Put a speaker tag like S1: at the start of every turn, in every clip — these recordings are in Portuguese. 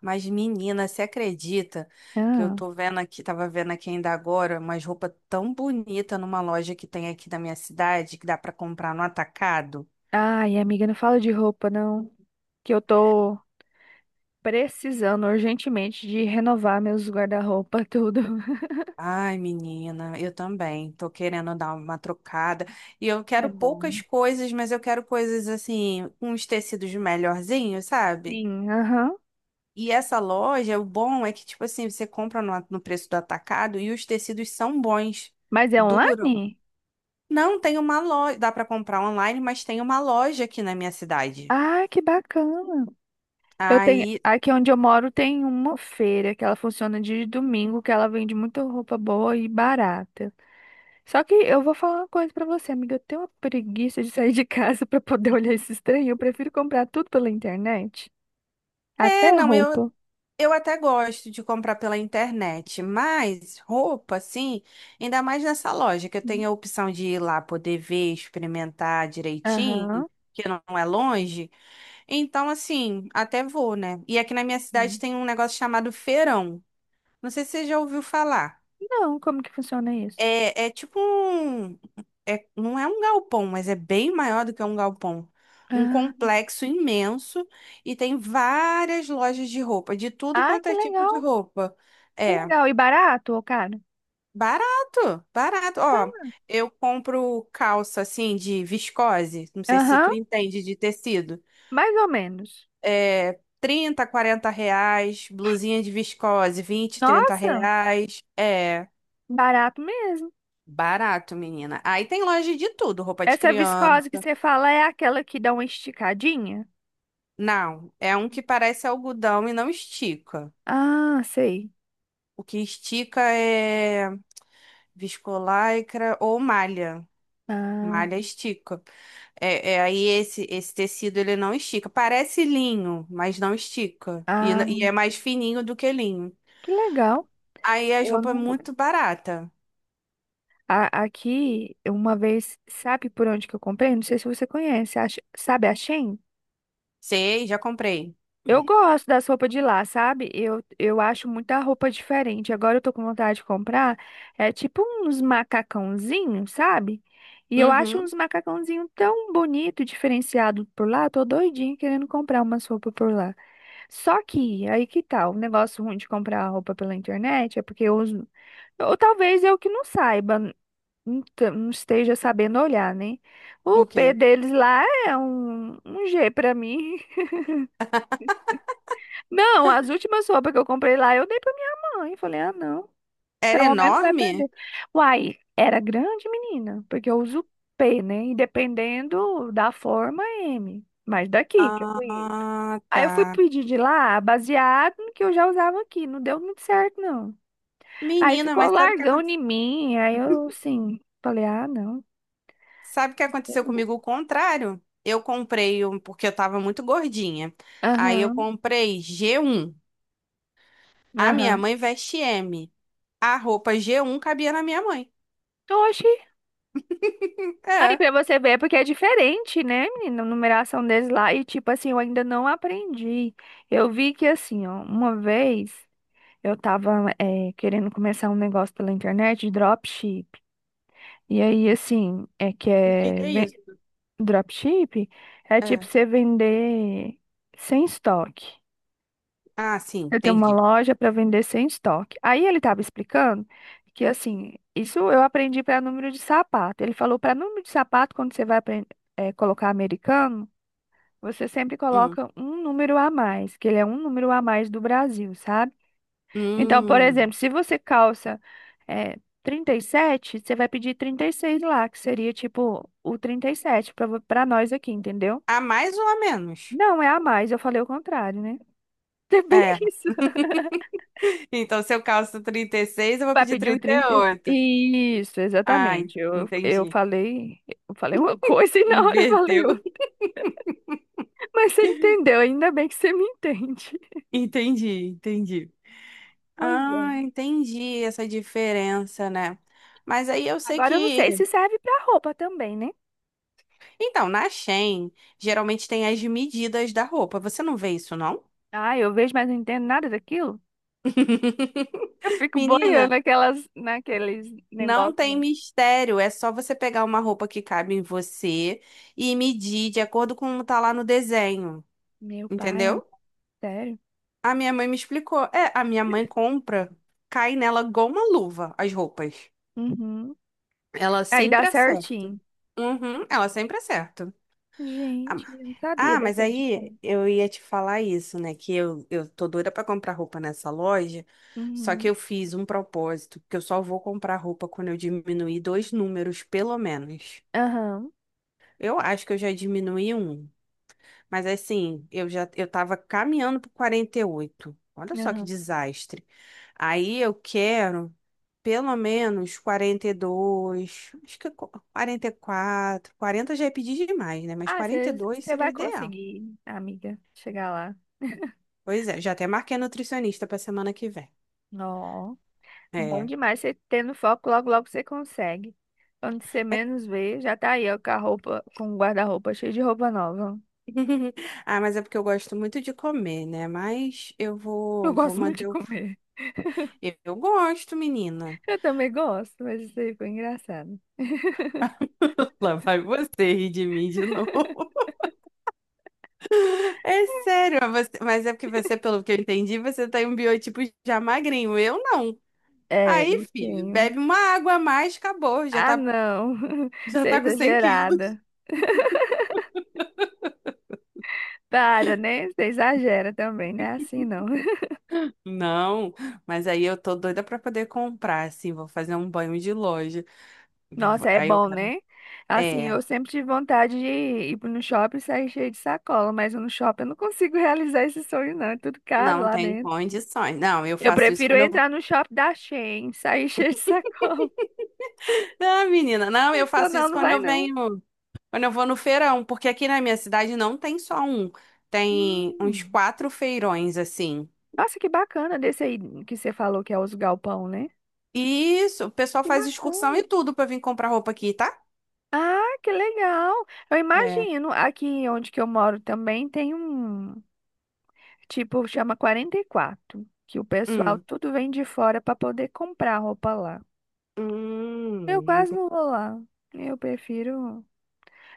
S1: Mas, menina, você acredita que eu
S2: Ah.
S1: tô vendo aqui, tava vendo aqui ainda agora, umas roupas tão bonita numa loja que tem aqui da minha cidade, que dá pra comprar no atacado?
S2: Ai, amiga, não fala de roupa, não. Que eu tô precisando urgentemente de renovar meus guarda-roupa, tudo.
S1: Ai, menina, eu também tô querendo dar uma trocada. E eu
S2: É
S1: quero poucas
S2: bom.
S1: coisas, mas eu quero coisas assim, com uns tecidos melhorzinhos, sabe?
S2: Sim, aham.
S1: E essa loja, o bom é que, tipo assim, você compra no preço do atacado e os tecidos são bons,
S2: Mas é
S1: duram.
S2: online?
S1: Não, tem uma loja. Dá pra comprar online, mas tem uma loja aqui na minha cidade.
S2: Ah, que bacana. Eu tenho,
S1: Aí.
S2: aqui onde eu moro tem uma feira que ela funciona de domingo, que ela vende muita roupa boa e barata. Só que eu vou falar uma coisa pra você, amiga, eu tenho uma preguiça de sair de casa pra poder olhar esse trem. Eu prefiro comprar tudo pela internet, até
S1: É, não, eu,
S2: roupa.
S1: eu até gosto de comprar pela internet, mas roupa, assim, ainda mais nessa loja, que eu tenho a opção de ir lá poder ver, experimentar direitinho,
S2: Aham.
S1: que não é longe. Então, assim, até vou, né? E aqui na minha cidade
S2: Hum.
S1: tem um negócio chamado feirão. Não sei se você já ouviu falar.
S2: Não, como que funciona isso?
S1: É tipo um. É, não é um galpão, mas é bem maior do que um galpão. Um
S2: Ah,
S1: complexo imenso e tem várias lojas de roupa, de tudo
S2: Ah,
S1: quanto
S2: que
S1: é tipo
S2: legal,
S1: de roupa.
S2: que
S1: É,
S2: legal. E barato, ô cara?
S1: barato, barato. Ó,
S2: Cama.
S1: eu compro calça assim de viscose, não sei se
S2: Aham,
S1: tu entende de tecido.
S2: mais ou menos.
S1: É, R$ 30, R$ 40. Blusinha de viscose, vinte, trinta
S2: Nossa,
S1: reais. É,
S2: barato mesmo.
S1: barato, menina. Aí tem loja de tudo, roupa de
S2: Essa viscose que
S1: criança.
S2: você fala é aquela que dá uma esticadinha?
S1: Não, é um que parece algodão e não estica.
S2: Ah, sei.
S1: O que estica é viscolaicra ou malha.
S2: Ah,
S1: Malha estica. É, aí esse tecido ele não estica. Parece linho, mas não estica. E,
S2: ah,
S1: e é mais fininho do que linho.
S2: que legal.
S1: Aí as
S2: Eu
S1: roupas é
S2: não.
S1: muito barata.
S2: Aqui, uma vez, sabe por onde que eu comprei? Não sei se você conhece. Sabe a Shein?
S1: Sei, já comprei.
S2: Eu gosto das roupas de lá, sabe? Eu acho muita roupa diferente. Agora eu tô com vontade de comprar. É tipo uns macacãozinhos, sabe? E eu acho uns
S1: Uhum.
S2: macacãozinhos tão bonito, diferenciado por lá. Tô doidinha querendo comprar umas roupas por lá. Só que, aí que tal? O negócio ruim de comprar roupa pela internet é porque eu uso. Ou talvez eu que não saiba, não esteja sabendo olhar, né? O
S1: O
S2: pé
S1: quê?
S2: deles lá é um G pra mim. Não, as últimas roupas que eu comprei lá, eu dei pra minha mãe. Falei, ah, não,
S1: Era
S2: pelo menos vai
S1: enorme?
S2: perder. Uai, era grande, menina, porque eu uso P, né? E dependendo da forma, M. Mas daqui que eu conheço.
S1: Ah,
S2: Aí eu fui
S1: tá.
S2: pedir de lá, baseado no que eu já usava aqui. Não deu muito certo, não. Aí
S1: Menina,
S2: ficou
S1: mas sabe o que
S2: largão
S1: aconteceu?
S2: em mim. Aí eu, assim, falei, ah, não.
S1: Sabe o que aconteceu comigo? O contrário. Eu comprei, porque eu tava muito gordinha. Aí eu
S2: Aham,
S1: comprei G1. A minha
S2: aham.
S1: mãe veste M. A roupa G1 cabia na minha mãe.
S2: Oxi. Aí
S1: É.
S2: pra você ver, é porque é diferente, né, menina? A numeração deles lá. E tipo assim, eu ainda não aprendi. Eu vi que assim, ó, uma vez eu tava é, querendo começar um negócio pela internet de dropship. E aí, assim,
S1: O que que é isso?
S2: dropship é tipo
S1: É.
S2: você vender sem estoque.
S1: Ah, sim,
S2: Eu tenho uma
S1: entendi.
S2: loja para vender sem estoque. Aí ele estava explicando que assim, isso eu aprendi para número de sapato. Ele falou para número de sapato quando você vai aprender colocar americano. Você sempre
S1: Hum.
S2: coloca um número a mais, que ele é um número a mais do Brasil, sabe? Então, por
S1: Hum.
S2: exemplo, se você calça é, 37, você vai pedir 36 lá, que seria tipo o 37 para nós aqui, entendeu?
S1: A mais ou a menos?
S2: Não, é a mais, eu falei o contrário, né? É bem
S1: É.
S2: isso.
S1: Então, se eu calço 36, eu vou
S2: Vai
S1: pedir
S2: pedir o
S1: trinta
S2: 30.
S1: e oito.
S2: Isso,
S1: Ah,
S2: exatamente. Eu
S1: entendi.
S2: falei, eu falei uma coisa e na hora eu falei
S1: Inverteu.
S2: outra. Mas você entendeu, ainda bem que você me entende.
S1: Entendi, entendi.
S2: Pois
S1: Ah,
S2: é.
S1: entendi essa diferença, né? Mas aí eu sei
S2: Agora eu não sei
S1: que.
S2: se serve para roupa também, né?
S1: Então, na Shein, geralmente tem as medidas da roupa. Você não vê isso, não?
S2: Ah, eu vejo, mas não entendo nada daquilo. Eu fico boiando
S1: Menina,
S2: naquelas, naqueles
S1: não
S2: negócios,
S1: tem
S2: né?
S1: mistério. É só você pegar uma roupa que cabe em você e medir de acordo com como tá lá no desenho.
S2: Meu pai, é
S1: Entendeu?
S2: sério?
S1: A minha mãe me explicou. É, a minha mãe compra, cai nela igual uma luva as roupas.
S2: Uhum.
S1: Ela
S2: Aí dá
S1: sempre acerta.
S2: certinho.
S1: Uhum, ela sempre acerta.
S2: Gente, eu não sabia
S1: Ah, mas
S2: dessa dica,
S1: aí
S2: não.
S1: eu ia te falar isso, né? Que eu tô doida pra comprar roupa nessa loja, só que
S2: Uhum.
S1: eu fiz um propósito, que eu só vou comprar roupa quando eu diminuir dois números, pelo menos.
S2: Aham,
S1: Eu acho que eu já diminuí um, mas assim, eu tava caminhando pro 48. Olha só que
S2: aham.
S1: desastre. Aí eu quero pelo menos 42, acho que 44, 40 já é pedir demais, né? Mas
S2: Ah,
S1: 42
S2: você
S1: seria o
S2: vai
S1: ideal.
S2: conseguir, amiga, chegar lá.
S1: Pois é, já até marquei nutricionista pra semana que vem.
S2: Ó, bom
S1: É.
S2: demais. Você tendo foco, logo, logo você consegue. Quando você
S1: É-
S2: menos vê, já tá aí, ó, com a roupa, com o guarda-roupa cheio de roupa nova.
S1: Ah, mas é porque eu gosto muito de comer, né? Mas eu
S2: Eu
S1: vou, vou
S2: gosto muito de
S1: manter o.
S2: comer.
S1: Eu gosto, menina.
S2: Eu também gosto, mas isso aí foi engraçado.
S1: Lá vai você rir de mim de novo. É sério, mas você- mas é porque você, pelo que eu entendi, você tem um biotipo já magrinho. Eu não.
S2: É,
S1: Aí,
S2: eu
S1: filho,
S2: tenho.
S1: bebe uma água a mais, acabou. Já
S2: Ah,
S1: tá,
S2: não.
S1: já
S2: Você é
S1: tá com 100 kg.
S2: exagerada. Para, né? Você exagera também, né? Assim não.
S1: Não, mas aí eu tô doida pra poder comprar, assim, vou fazer um banho de loja. Eu vou-
S2: Nossa, é
S1: Aí eu
S2: bom,
S1: quero.
S2: né? Assim,
S1: É,
S2: eu sempre tive vontade de ir pro- no shopping e sair cheio de sacola, mas no shopping eu não consigo realizar esse sonho, não. É tudo caro
S1: não
S2: lá
S1: tem
S2: dentro.
S1: condições. Não, eu
S2: Eu
S1: faço isso
S2: prefiro
S1: quando eu vou.
S2: entrar no shopping da Shein, sair cheio de sacola.
S1: Ah, menina, não, eu faço
S2: Adicional
S1: isso
S2: não
S1: quando
S2: vai,
S1: eu
S2: não.
S1: venho, quando eu vou no feirão, porque aqui na minha cidade não tem só um, tem uns
S2: Hum.
S1: quatro feirões assim.
S2: Nossa, que bacana desse aí que você falou que é os galpão, né?
S1: E isso, o pessoal
S2: Que
S1: faz excursão e
S2: bacana.
S1: tudo pra vir comprar roupa aqui, tá?
S2: Ah, que legal! Eu
S1: É.
S2: imagino, aqui onde que eu moro também tem um, tipo, chama 44, que o pessoal
S1: Hum.
S2: tudo vem de fora para poder comprar roupa lá. Eu
S1: Hum.
S2: quase não vou lá. Eu prefiro.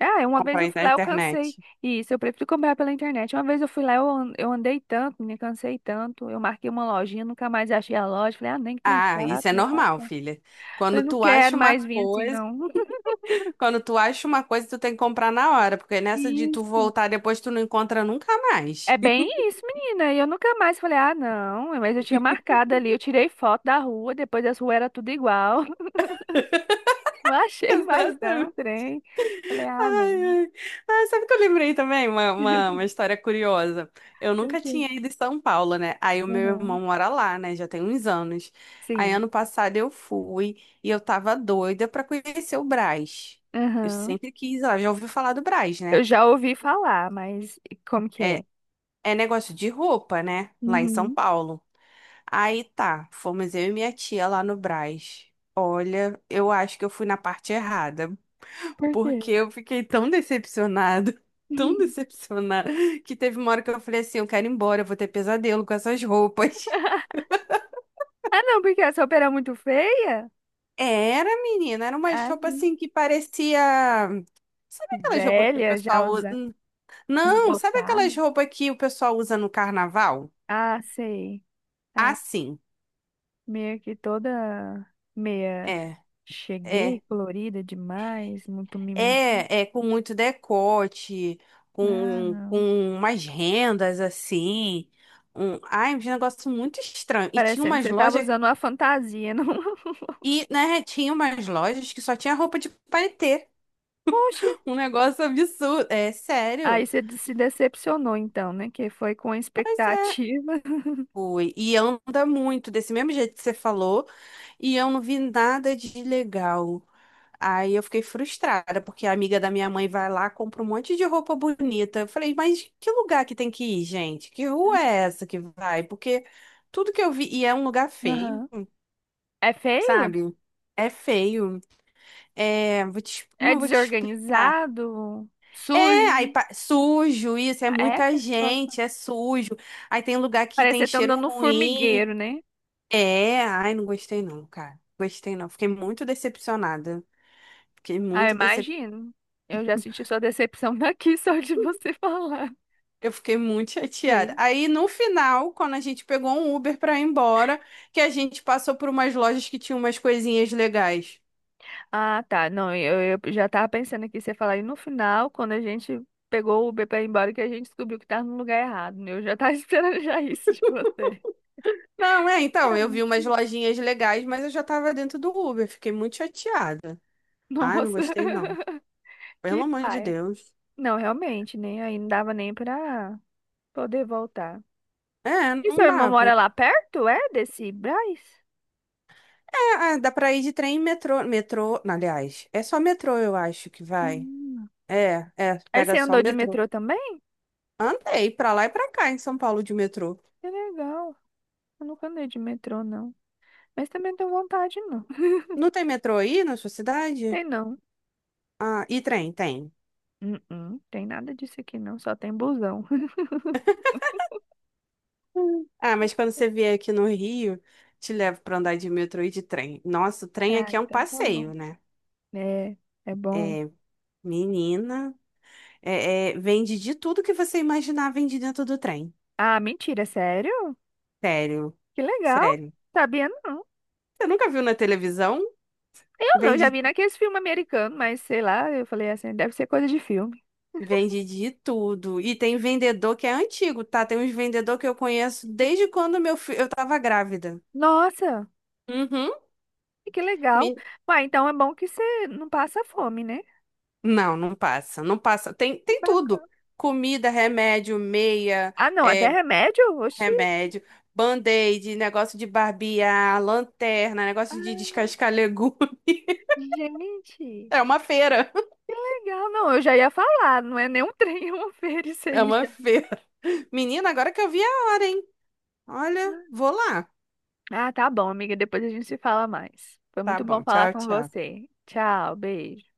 S2: Ah, uma vez eu
S1: Comprar
S2: fui
S1: na
S2: lá, eu
S1: internet.
S2: cansei. Isso, eu prefiro comprar pela internet. Uma vez eu fui lá, eu andei tanto, me cansei tanto. Eu marquei uma lojinha, nunca mais achei a loja. Falei, ah, nem que trem
S1: Ah,
S2: chato,
S1: isso é
S2: meu pai do
S1: normal,
S2: céu.
S1: filha. Quando
S2: Falei, não
S1: tu acha
S2: quero
S1: uma
S2: mais vir assim,
S1: coisa,
S2: não.
S1: quando tu acha uma coisa, tu tem que comprar na hora, porque nessa de tu
S2: Isso.
S1: voltar depois tu não encontra nunca
S2: É
S1: mais.
S2: bem isso, menina. E eu nunca mais falei, ah, não, mas eu tinha marcado ali, eu tirei foto da rua, depois as ruas era tudo igual. Não achei mais, não,
S1: Exatamente.
S2: trem. Falei, ah,
S1: Ai,
S2: não.
S1: ai. Ai, sabe que eu lembrei também? Uma história curiosa. Eu nunca
S2: Tranquilo.
S1: tinha ido em São Paulo, né? Aí o meu irmão
S2: Aham.
S1: mora lá, né? Já tem uns anos. Aí
S2: Sim.
S1: ano passado eu fui e eu tava doida pra conhecer o Brás. Eu
S2: Aham.
S1: sempre quis ir lá, já ouviu falar do Brás,
S2: Eu
S1: né?
S2: já ouvi falar, mas como que
S1: É,
S2: é?
S1: é negócio de roupa, né? Lá em São
S2: Uhum.
S1: Paulo. Aí tá, fomos eu e minha tia lá no Brás. Olha, eu acho que eu fui na parte errada.
S2: Por quê?
S1: Porque eu fiquei tão decepcionada, tão decepcionada, que teve uma hora que eu falei assim, eu quero ir embora, eu vou ter pesadelo com essas roupas.
S2: Ah, não, porque essa opera é muito feia?
S1: Era, menina, era uma
S2: Ah,
S1: roupa
S2: não.
S1: assim que parecia. Sabe aquelas roupas que o
S2: Velha, já
S1: pessoal usa?
S2: usa
S1: Não, sabe
S2: esbotada.
S1: aquelas roupas que o pessoal usa no carnaval?
S2: Ah, sei. Ah,
S1: Assim,
S2: meio que toda meia.
S1: é,
S2: Cheguei
S1: é,
S2: colorida demais, muito mimimi.
S1: é com muito decote,
S2: Ah,
S1: com,
S2: não.
S1: com umas rendas assim. Um... Ai, um negócio muito estranho. E tinha
S2: Parecendo que
S1: umas
S2: você tava
S1: lojas.
S2: usando uma fantasia, não?
S1: E, né, tinha umas lojas que só tinha roupa de paetê.
S2: Oxe.
S1: Um negócio absurdo. É sério?
S2: Se decepcionou, então, né? Que foi com a
S1: Pois é.
S2: expectativa.
S1: Fui. E anda muito, desse mesmo jeito que você falou. E eu não vi nada de legal. Aí eu fiquei frustrada, porque a amiga da minha mãe vai lá, compra um monte de roupa bonita. Eu falei, mas que lugar que tem que ir, gente? Que rua é essa que vai? Porque tudo que eu vi, e é um lugar feio,
S2: Aham. É feio?
S1: sabe? É feio. É, vou te, como
S2: É
S1: eu vou te explicar?
S2: desorganizado?
S1: É, aí
S2: Sujo?
S1: sujo isso, é
S2: É,
S1: muita
S2: cara, gosta.
S1: gente, é sujo. Aí tem lugar que
S2: Parece que
S1: tem
S2: você tá
S1: cheiro
S2: andando no
S1: ruim.
S2: formigueiro, né?
S1: É, ai, não gostei não, cara. Gostei não. Fiquei muito decepcionada. Fiquei
S2: Ah, eu
S1: muito decep...
S2: imagino. Eu já senti sua decepção daqui, só de você falar.
S1: Eu fiquei muito chateada. Aí no final, quando a gente pegou um Uber pra ir embora, que a gente passou por umas lojas que tinham umas coisinhas legais.
S2: Ah, tá. Não, eu já tava pensando aqui, você falar, e no final, quando a gente pegou o Uber pra ir embora, que a gente descobriu que tava no lugar errado, né? Eu já tava esperando já isso de você.
S1: Não, é, então,
S2: Ah,
S1: eu vi umas lojinhas legais, mas eu já tava dentro do Uber. Fiquei muito chateada. Ai, não
S2: nossa,
S1: gostei não. Pelo
S2: que
S1: amor de
S2: paia.
S1: Deus.
S2: Não, realmente, né? Aí não dava nem pra poder voltar.
S1: É,
S2: E
S1: não
S2: seu irmão
S1: dava.
S2: mora lá perto, é? Desse Brás?
S1: Ah, dá pra ir de trem e metrô. Metrô, não, aliás, é só metrô, eu acho que vai.
S2: Ah.
S1: É,
S2: Aí você
S1: pega só o
S2: andou de
S1: metrô.
S2: metrô também?
S1: Andei pra lá e pra cá em São Paulo de metrô.
S2: Que legal. Eu nunca andei de metrô, não. Mas também não tenho vontade, não.
S1: Não tem metrô aí na sua cidade?
S2: Tem não.
S1: Ah, e trem, tem.
S2: Hum. Tem nada disso aqui, não. Só tem busão.
S1: Hum. Ah, mas quando você vier aqui no Rio, te levo pra andar de metrô e de trem. Nossa, o trem
S2: Ah,
S1: aqui é um
S2: então tá bom.
S1: passeio, né?
S2: É, é bom.
S1: Menina, é, vende de tudo que você imaginar, vende dentro do trem.
S2: Ah, mentira, sério?
S1: Sério,
S2: Que legal.
S1: sério.
S2: Sabia não.
S1: Você nunca viu na televisão?
S2: Eu não, já
S1: Vende
S2: vi naqueles filmes americanos, mas sei lá, eu falei assim, deve ser coisa de filme.
S1: Vende de tudo. E tem vendedor que é antigo, tá? Tem uns vendedor que eu conheço desde quando meu filho, eu tava grávida.
S2: Nossa,
S1: Uhum.
S2: que legal.
S1: Me-
S2: Ué, então é bom que você não passa fome, né?
S1: Não, não passa, não passa. Tem
S2: Ba-
S1: tudo. Comida, remédio, meia,
S2: Ah, não, até
S1: é,
S2: remédio? Oxi.
S1: remédio, band-aid, negócio de barbear, lanterna, negócio de
S2: Ah,
S1: descascar legume.
S2: gente,
S1: É uma feira.
S2: legal. Não, eu já ia falar, não é nem um trem, é uma feira isso
S1: É
S2: aí
S1: uma
S2: já.
S1: feira. Menina, agora que eu vi a hora, hein? Olha, vou lá.
S2: Ah, tá bom, amiga, depois a gente se fala mais. Foi
S1: Tá
S2: muito bom
S1: bom,
S2: falar
S1: tchau,
S2: com
S1: tchau.
S2: você. Tchau, beijo.